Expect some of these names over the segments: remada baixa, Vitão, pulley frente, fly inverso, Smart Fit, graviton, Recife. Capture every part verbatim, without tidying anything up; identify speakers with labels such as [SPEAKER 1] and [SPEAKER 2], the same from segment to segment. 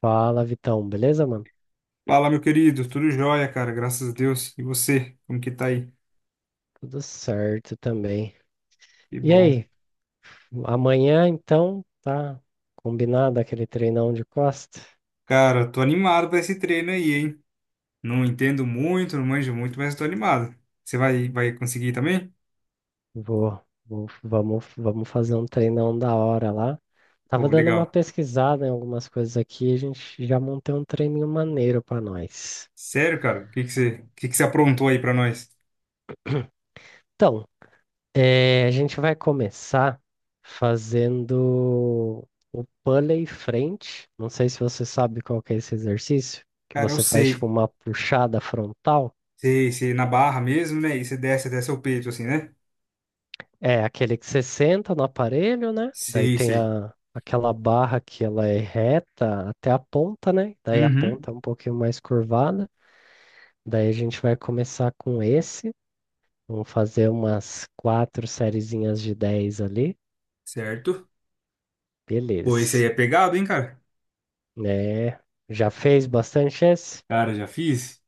[SPEAKER 1] Fala, Vitão, beleza, mano?
[SPEAKER 2] Fala, meu querido, tudo jóia, cara, graças a Deus. E você, como que tá aí?
[SPEAKER 1] Tudo certo também.
[SPEAKER 2] Que
[SPEAKER 1] E
[SPEAKER 2] bom.
[SPEAKER 1] aí, amanhã então tá combinado aquele treinão de costa?
[SPEAKER 2] Cara, tô animado pra esse treino aí, hein? Não entendo muito, não manjo muito, mas tô animado. Você vai, vai conseguir também?
[SPEAKER 1] Vou, vou- vamos, vamos fazer um treinão da hora lá.
[SPEAKER 2] Pô,
[SPEAKER 1] Tava dando uma
[SPEAKER 2] legal.
[SPEAKER 1] pesquisada em algumas coisas aqui, a gente já montou um treininho maneiro pra nós.
[SPEAKER 2] Sério, cara, o que que você, o que que você aprontou aí pra nós?
[SPEAKER 1] Então, é, a gente vai começar fazendo o pulley frente. Não sei se você sabe qual que é esse exercício, que
[SPEAKER 2] Cara, eu
[SPEAKER 1] você faz tipo
[SPEAKER 2] sei.
[SPEAKER 1] uma puxada frontal.
[SPEAKER 2] Sei, sei, na barra mesmo, né? E você desce até seu peito, assim, né?
[SPEAKER 1] É aquele que você senta no aparelho, né? Daí
[SPEAKER 2] Sei,
[SPEAKER 1] tem
[SPEAKER 2] sei.
[SPEAKER 1] a, aquela barra que ela é reta até a ponta, né? Daí a
[SPEAKER 2] Uhum,
[SPEAKER 1] ponta é um pouquinho mais curvada. Daí a gente vai começar com esse. Vamos fazer umas quatro sériezinhas de dez ali.
[SPEAKER 2] certo. Pô, esse aí
[SPEAKER 1] Beleza.
[SPEAKER 2] é pegado, hein, cara?
[SPEAKER 1] É, já fez bastante esse?
[SPEAKER 2] Cara, já fiz.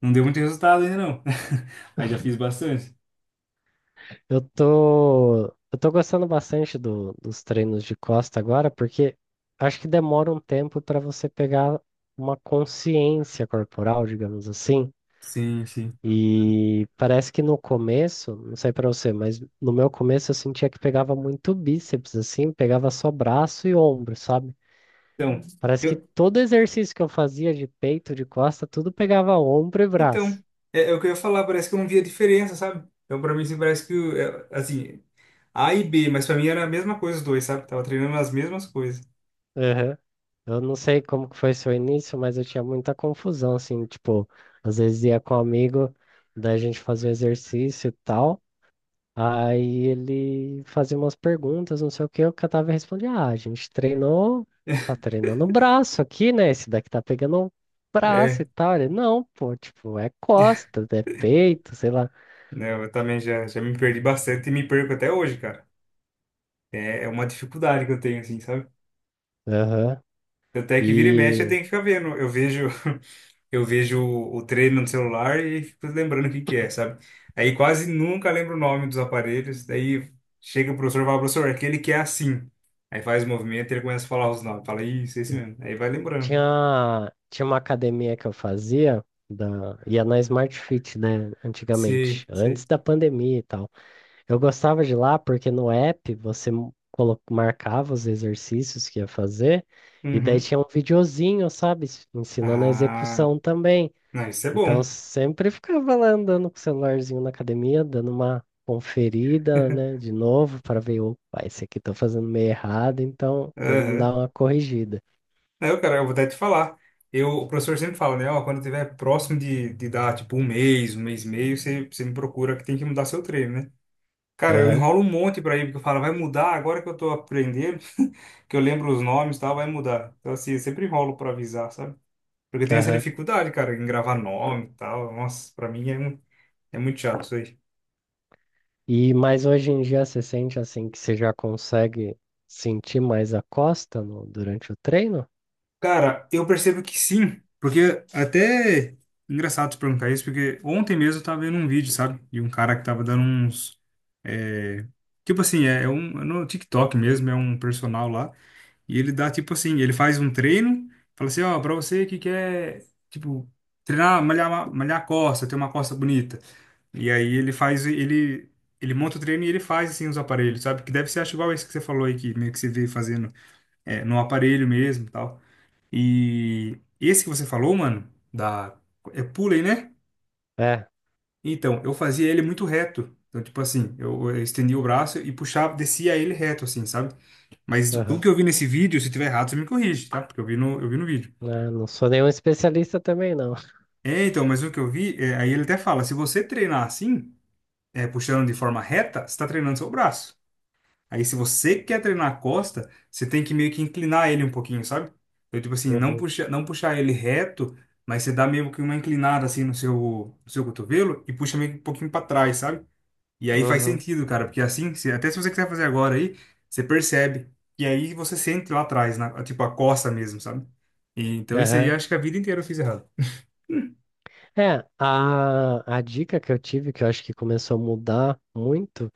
[SPEAKER 2] Não deu muito resultado ainda, não. Mas já fiz bastante.
[SPEAKER 1] Eu tô, eu tô gostando bastante do- dos treinos de costa agora, porque acho que demora um tempo para você pegar uma consciência corporal, digamos assim.
[SPEAKER 2] Sim, sim.
[SPEAKER 1] E parece que no começo, não sei para você, mas no meu começo eu sentia que pegava muito bíceps, assim, pegava só braço e ombro, sabe?
[SPEAKER 2] Então,
[SPEAKER 1] Parece que
[SPEAKER 2] eu,
[SPEAKER 1] todo exercício que eu fazia de peito, de costa, tudo pegava ombro e
[SPEAKER 2] então
[SPEAKER 1] braço.
[SPEAKER 2] é, é o que eu ia falar, parece que eu não via diferença, sabe? Então, pra mim, assim, parece que, o- é, assim, A e B, mas pra mim era a mesma coisa os dois, sabe? Tava treinando as mesmas coisas.
[SPEAKER 1] Eu não sei como que foi seu início, mas eu tinha muita confusão, assim, tipo, às vezes ia com um amigo, daí a gente fazia exercício e tal, aí ele fazia umas perguntas, não sei o que, eu catava e respondia, ah, a gente treinou, tá treinando o braço aqui, né, esse daqui tá pegando o braço e
[SPEAKER 2] É,
[SPEAKER 1] tal, ele, não, pô, tipo, é costa, é peito, sei lá.
[SPEAKER 2] né, eu também já, já me perdi bastante e me perco até hoje, cara. É, é uma dificuldade que eu tenho, assim, sabe?
[SPEAKER 1] Aham.
[SPEAKER 2] Tanto é que vira e mexe, eu
[SPEAKER 1] E
[SPEAKER 2] tenho que ficar vendo. Eu vejo, eu vejo o o treino no celular e fico lembrando o que que é, sabe? Aí quase nunca lembro o nome dos aparelhos. Daí chega o professor e fala, professor, aquele que é assim. Aí faz o movimento e ele começa a falar os nomes. Fala, isso, esse mesmo. Aí vai lembrando.
[SPEAKER 1] Tinha, tinha uma academia que eu fazia, da, ia na Smart Fit, né,
[SPEAKER 2] Sei,
[SPEAKER 1] antigamente,
[SPEAKER 2] sei.
[SPEAKER 1] antes da pandemia e tal. Eu gostava de ir lá porque no app você m- colo- marcava os exercícios que ia fazer, e daí
[SPEAKER 2] Uhum.
[SPEAKER 1] tinha um videozinho, sabe, s- ensinando a
[SPEAKER 2] Ah,
[SPEAKER 1] execução também.
[SPEAKER 2] não, isso é
[SPEAKER 1] Então
[SPEAKER 2] bom.
[SPEAKER 1] sempre ficava lá andando com o celularzinho na academia, dando uma conferida, né, de novo, para ver, opa, esse aqui tô fazendo meio errado, então vamos dar
[SPEAKER 2] Aham.
[SPEAKER 1] uma corrigida.
[SPEAKER 2] Não, cara, eu vou até te falar. Eu, o professor sempre fala, né? Ó, quando tiver próximo de, de dar, tipo, um mês, um mês e meio, você, você me procura que tem que mudar seu treino, né? Cara, eu
[SPEAKER 1] Aham,
[SPEAKER 2] enrolo um monte pra ir, porque eu falo, vai mudar agora que eu tô aprendendo, que eu lembro os nomes e tal, vai mudar. Então, assim, eu sempre enrolo pra avisar, sabe? Porque tem essa
[SPEAKER 1] aham.
[SPEAKER 2] dificuldade, cara, em gravar nome e tal. Nossa, pra mim é, um- é muito chato isso aí.
[SPEAKER 1] E mas hoje em dia você sente assim que você já consegue sentir mais a costa no- durante o treino?
[SPEAKER 2] Cara, eu percebo que sim, porque até engraçado te perguntar isso, porque ontem mesmo eu tava vendo um vídeo, sabe? De um cara que tava dando uns. é, Tipo assim, é, é um. é No TikTok mesmo, é um personal lá. E ele dá, tipo assim, ele faz um treino, fala assim, ó, pra você que quer, tipo, treinar, malhar, malhar a costa, ter uma costa bonita. E aí ele faz, ele, ele monta o treino e ele faz, assim, os aparelhos, sabe? Que deve ser, acho, igual esse que você falou aí, que meio que você vê fazendo é, no aparelho mesmo e tal. E esse que você falou, mano, da... É pulley, né?
[SPEAKER 1] É,
[SPEAKER 2] Então, eu fazia ele muito reto. Então, tipo assim, eu eu estendia o braço e puxava, descia ele reto, assim, sabe? Mas o
[SPEAKER 1] aham.
[SPEAKER 2] que eu vi nesse vídeo, se tiver errado, você me corrige, tá? Porque eu vi no, eu vi no vídeo.
[SPEAKER 1] Ah, não sou nenhum especialista também, não.
[SPEAKER 2] É, então, mas o que eu vi, é, aí ele até fala, se você treinar assim, é, puxando de forma reta, você está treinando seu braço. Aí se você quer treinar a costa, você tem que meio que inclinar ele um pouquinho, sabe? Então, tipo assim, não
[SPEAKER 1] Uhum,
[SPEAKER 2] puxa, não puxar ele reto, mas você dá meio que uma inclinada assim no seu, no seu cotovelo e puxa meio que um pouquinho para trás, sabe? E aí faz
[SPEAKER 1] uhum,
[SPEAKER 2] sentido, cara, porque assim, se- até se você quiser fazer agora aí, você percebe. E aí você sente lá atrás, na, tipo a costa mesmo, sabe? E, então isso aí eu
[SPEAKER 1] aham.
[SPEAKER 2] acho que a vida inteira eu fiz errado.
[SPEAKER 1] É, É, a, a dica que eu tive, que eu acho que começou a mudar muito,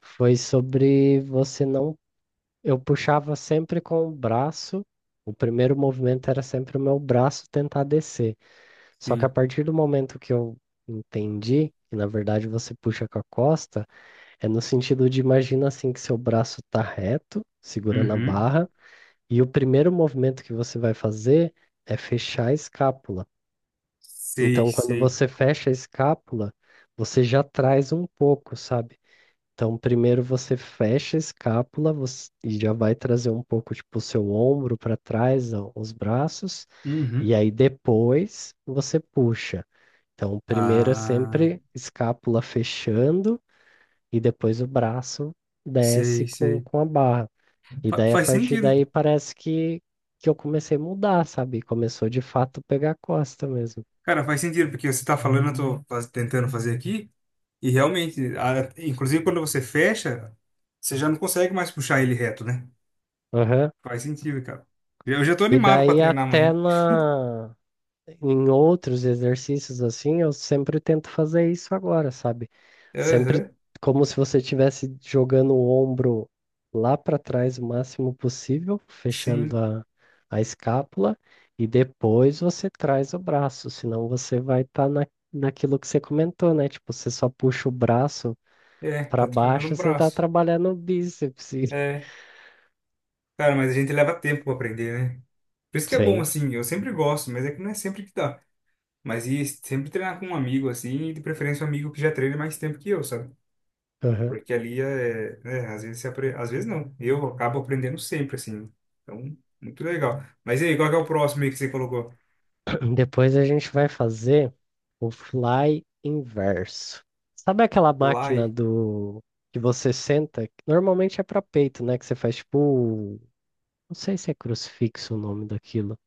[SPEAKER 1] foi sobre você não. Eu puxava sempre com o braço, o primeiro movimento era sempre o meu braço tentar descer. Só que a
[SPEAKER 2] Sim.
[SPEAKER 1] partir do momento que eu entendi que, na verdade, você puxa com a costa, é no sentido de imagina assim que seu braço está reto, segurando a
[SPEAKER 2] Uhum.
[SPEAKER 1] barra, e o primeiro movimento que você vai fazer é fechar a escápula.
[SPEAKER 2] Sei,
[SPEAKER 1] Então, quando
[SPEAKER 2] sei.
[SPEAKER 1] você fecha a escápula, você já traz um pouco, sabe? Então, primeiro você fecha a escápula você- e já vai trazer um pouco, tipo, o seu ombro para trás, ó, os braços,
[SPEAKER 2] Uhum.
[SPEAKER 1] e aí depois você puxa. Então, primeiro é
[SPEAKER 2] Ah,
[SPEAKER 1] sempre escápula fechando e depois o braço desce
[SPEAKER 2] sei,
[SPEAKER 1] com,
[SPEAKER 2] sei.
[SPEAKER 1] com a barra. E
[SPEAKER 2] Fa-
[SPEAKER 1] daí, a
[SPEAKER 2] faz
[SPEAKER 1] partir
[SPEAKER 2] sentido.
[SPEAKER 1] daí, parece que, que eu comecei a mudar, sabe? Começou de fato pegar a costa mesmo.
[SPEAKER 2] Cara, faz sentido, porque você tá falando, eu tô faz- tentando fazer aqui, e realmente, a- inclusive quando você fecha, você já não consegue mais puxar ele reto, né?
[SPEAKER 1] Aham.
[SPEAKER 2] Faz sentido, cara. Eu já tô
[SPEAKER 1] E
[SPEAKER 2] animado pra
[SPEAKER 1] daí,
[SPEAKER 2] treinar
[SPEAKER 1] até
[SPEAKER 2] amanhã.
[SPEAKER 1] na, em outros exercícios assim, eu sempre tento fazer isso agora, sabe? Sempre
[SPEAKER 2] Aham,
[SPEAKER 1] como se você estivesse jogando o ombro lá para trás o máximo possível, fechando
[SPEAKER 2] sim.
[SPEAKER 1] a, a escápula, e depois você traz o braço, senão você vai estar na, naquilo que você comentou, né? Tipo, você só puxa o braço
[SPEAKER 2] É,
[SPEAKER 1] para
[SPEAKER 2] tá treinando
[SPEAKER 1] baixo,
[SPEAKER 2] o
[SPEAKER 1] você tá
[SPEAKER 2] braço.
[SPEAKER 1] trabalhando o bíceps. e-
[SPEAKER 2] É. Cara, mas a gente leva tempo pra aprender, né? Por isso que é bom,
[SPEAKER 1] Sim.
[SPEAKER 2] assim, eu sempre gosto, mas é que não é sempre que dá. Mas e sempre treinar com um amigo, assim, e de preferência um amigo que já treina mais tempo que eu, sabe? Porque ali é, né, às vezes você apre... às vezes não. Eu acabo aprendendo sempre, assim. Então, muito legal. Mas e aí, qual que é o próximo aí que você colocou?
[SPEAKER 1] Depois a gente vai fazer o fly inverso. Sabe aquela
[SPEAKER 2] Lá
[SPEAKER 1] máquina
[SPEAKER 2] e
[SPEAKER 1] do que você senta? Que Normalmente é para peito, né? Que você faz tipo, não sei se é crucifixo o nome daquilo.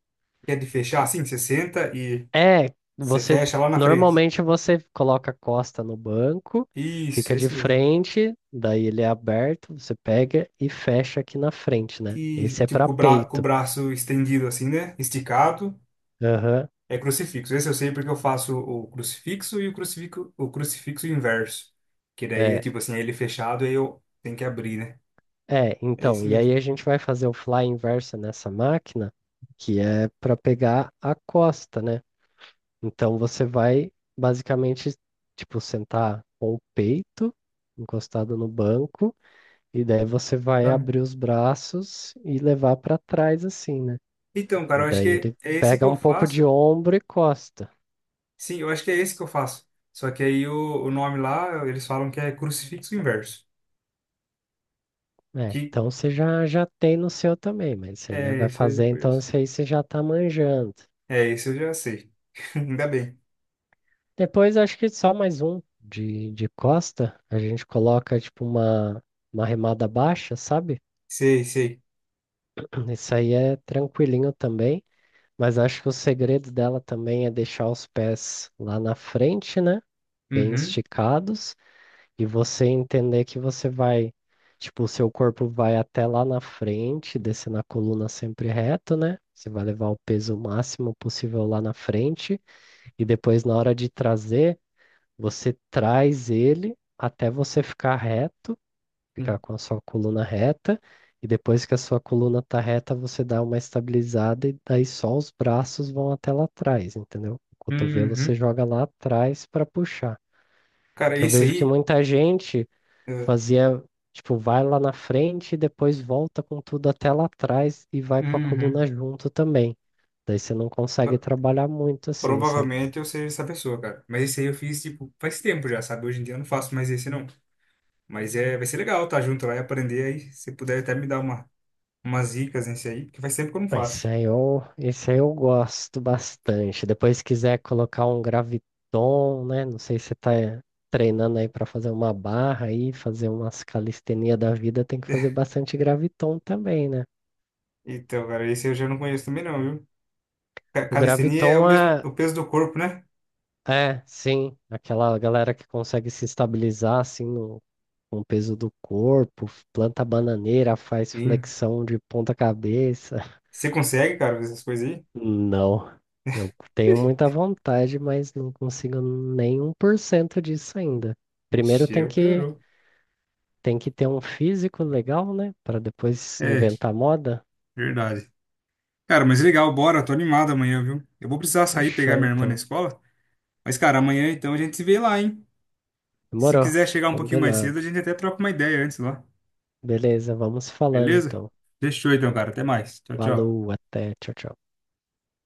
[SPEAKER 2] que é de fechar, assim, você senta e
[SPEAKER 1] É,
[SPEAKER 2] você
[SPEAKER 1] você
[SPEAKER 2] fecha lá na frente.
[SPEAKER 1] normalmente você coloca a costa no banco,
[SPEAKER 2] Isso,
[SPEAKER 1] fica de
[SPEAKER 2] esse mesmo.
[SPEAKER 1] frente, daí ele é aberto, você pega e fecha aqui na frente, né?
[SPEAKER 2] E
[SPEAKER 1] Esse é
[SPEAKER 2] tipo,
[SPEAKER 1] para
[SPEAKER 2] com o bra... com o
[SPEAKER 1] peito.
[SPEAKER 2] braço estendido, assim, né? Esticado.
[SPEAKER 1] Aham.
[SPEAKER 2] É crucifixo. Esse eu sei porque eu faço o crucifixo e o crucifixo, o crucifixo inverso. Que daí é
[SPEAKER 1] É.
[SPEAKER 2] tipo assim, é ele fechado, aí eu tenho que abrir, né?
[SPEAKER 1] É,
[SPEAKER 2] É
[SPEAKER 1] então,
[SPEAKER 2] esse
[SPEAKER 1] e aí
[SPEAKER 2] mesmo,
[SPEAKER 1] a gente vai fazer o fly inversa nessa máquina, que é para pegar a costa, né? Então você vai basicamente, tipo, sentar com o peito encostado no banco, e daí você vai
[SPEAKER 2] tá? Uhum.
[SPEAKER 1] abrir os braços e levar para trás, assim, né?
[SPEAKER 2] Então, cara,
[SPEAKER 1] E
[SPEAKER 2] eu acho
[SPEAKER 1] daí
[SPEAKER 2] que
[SPEAKER 1] ele
[SPEAKER 2] é esse que
[SPEAKER 1] pega
[SPEAKER 2] eu
[SPEAKER 1] um pouco
[SPEAKER 2] faço.
[SPEAKER 1] de ombro e costa.
[SPEAKER 2] Sim, eu acho que é esse que eu faço. Só que aí o, o nome lá, eles falam que é crucifixo inverso.
[SPEAKER 1] É,
[SPEAKER 2] Que
[SPEAKER 1] então você já, já tem no seu também, mas isso aí, né?
[SPEAKER 2] é
[SPEAKER 1] Vai
[SPEAKER 2] esse eu já
[SPEAKER 1] fazer, então
[SPEAKER 2] conheço.
[SPEAKER 1] isso aí você já tá manjando.
[SPEAKER 2] É esse eu já sei. Ainda bem.
[SPEAKER 1] Depois acho que só mais um de, de costa. A gente coloca tipo uma, uma remada baixa, sabe?
[SPEAKER 2] Sei, sei.
[SPEAKER 1] Isso aí é tranquilinho também. Mas acho que o segredo dela também é deixar os pés lá na frente, né? Bem
[SPEAKER 2] Uhum.
[SPEAKER 1] esticados. E você entender que você vai, tipo, o seu corpo vai até lá na frente, descendo a coluna sempre reto, né? Você vai levar o peso máximo possível lá na frente. E depois, na hora de trazer, você traz ele até você ficar reto, ficar
[SPEAKER 2] sim.
[SPEAKER 1] com a sua coluna reta, e depois que a sua coluna tá reta, você dá uma estabilizada e daí só os braços vão até lá atrás, entendeu? O cotovelo você
[SPEAKER 2] Uhum.
[SPEAKER 1] joga lá atrás para puxar.
[SPEAKER 2] Cara,
[SPEAKER 1] Que eu
[SPEAKER 2] esse
[SPEAKER 1] vejo que
[SPEAKER 2] aí.
[SPEAKER 1] muita gente
[SPEAKER 2] É,
[SPEAKER 1] fazia, tipo, vai lá na frente e depois volta com tudo até lá atrás e vai com a
[SPEAKER 2] Uhum.
[SPEAKER 1] coluna junto também. Daí você não consegue trabalhar muito assim, sabe?
[SPEAKER 2] Provavelmente eu seja essa pessoa, cara. Mas esse aí eu fiz, tipo, faz tempo já, sabe? Hoje em dia eu não faço mais esse, não. Mas é, vai ser legal tá junto lá e aprender aí. Se puder até me dar uma, umas dicas nesse aí, porque faz tempo que eu não
[SPEAKER 1] Ah, Esse
[SPEAKER 2] faço.
[SPEAKER 1] aí eu, esse aí eu gosto bastante. Depois, se quiser colocar um graviton, né? Não sei se você tá treinando aí para fazer uma barra aí, fazer umas calistenia da vida, tem que fazer bastante graviton também, né?
[SPEAKER 2] Então, cara, esse eu já não conheço também não, viu? Ca-
[SPEAKER 1] O
[SPEAKER 2] Calistenia
[SPEAKER 1] graviton
[SPEAKER 2] é o
[SPEAKER 1] é,
[SPEAKER 2] mesmo, o peso do corpo, né?
[SPEAKER 1] é, sim, aquela galera que consegue se estabilizar assim no, com o peso do corpo, planta bananeira, faz
[SPEAKER 2] Sim.
[SPEAKER 1] flexão de ponta cabeça.
[SPEAKER 2] Você consegue, cara, fazer essas coisas aí?
[SPEAKER 1] Não, eu tenho muita vontade, mas não consigo nem um por cento disso ainda. Primeiro
[SPEAKER 2] Vixe,
[SPEAKER 1] tem
[SPEAKER 2] eu
[SPEAKER 1] que,
[SPEAKER 2] piorou.
[SPEAKER 1] tem que ter um físico legal, né? Para depois
[SPEAKER 2] É,
[SPEAKER 1] inventar moda.
[SPEAKER 2] verdade. Cara, mas legal, bora. Tô animado amanhã, viu? Eu vou precisar sair pegar
[SPEAKER 1] Fechou,
[SPEAKER 2] minha irmã na
[SPEAKER 1] então.
[SPEAKER 2] escola. Mas, cara, amanhã então a gente se vê lá, hein? Se
[SPEAKER 1] Demorou.
[SPEAKER 2] quiser chegar um pouquinho mais
[SPEAKER 1] Combinado.
[SPEAKER 2] cedo, a gente até troca uma ideia antes lá.
[SPEAKER 1] Beleza, vamos falando
[SPEAKER 2] Beleza?
[SPEAKER 1] então.
[SPEAKER 2] Fechou então, cara. Até mais. Tchau, tchau.
[SPEAKER 1] Falou, até, tchau, tchau.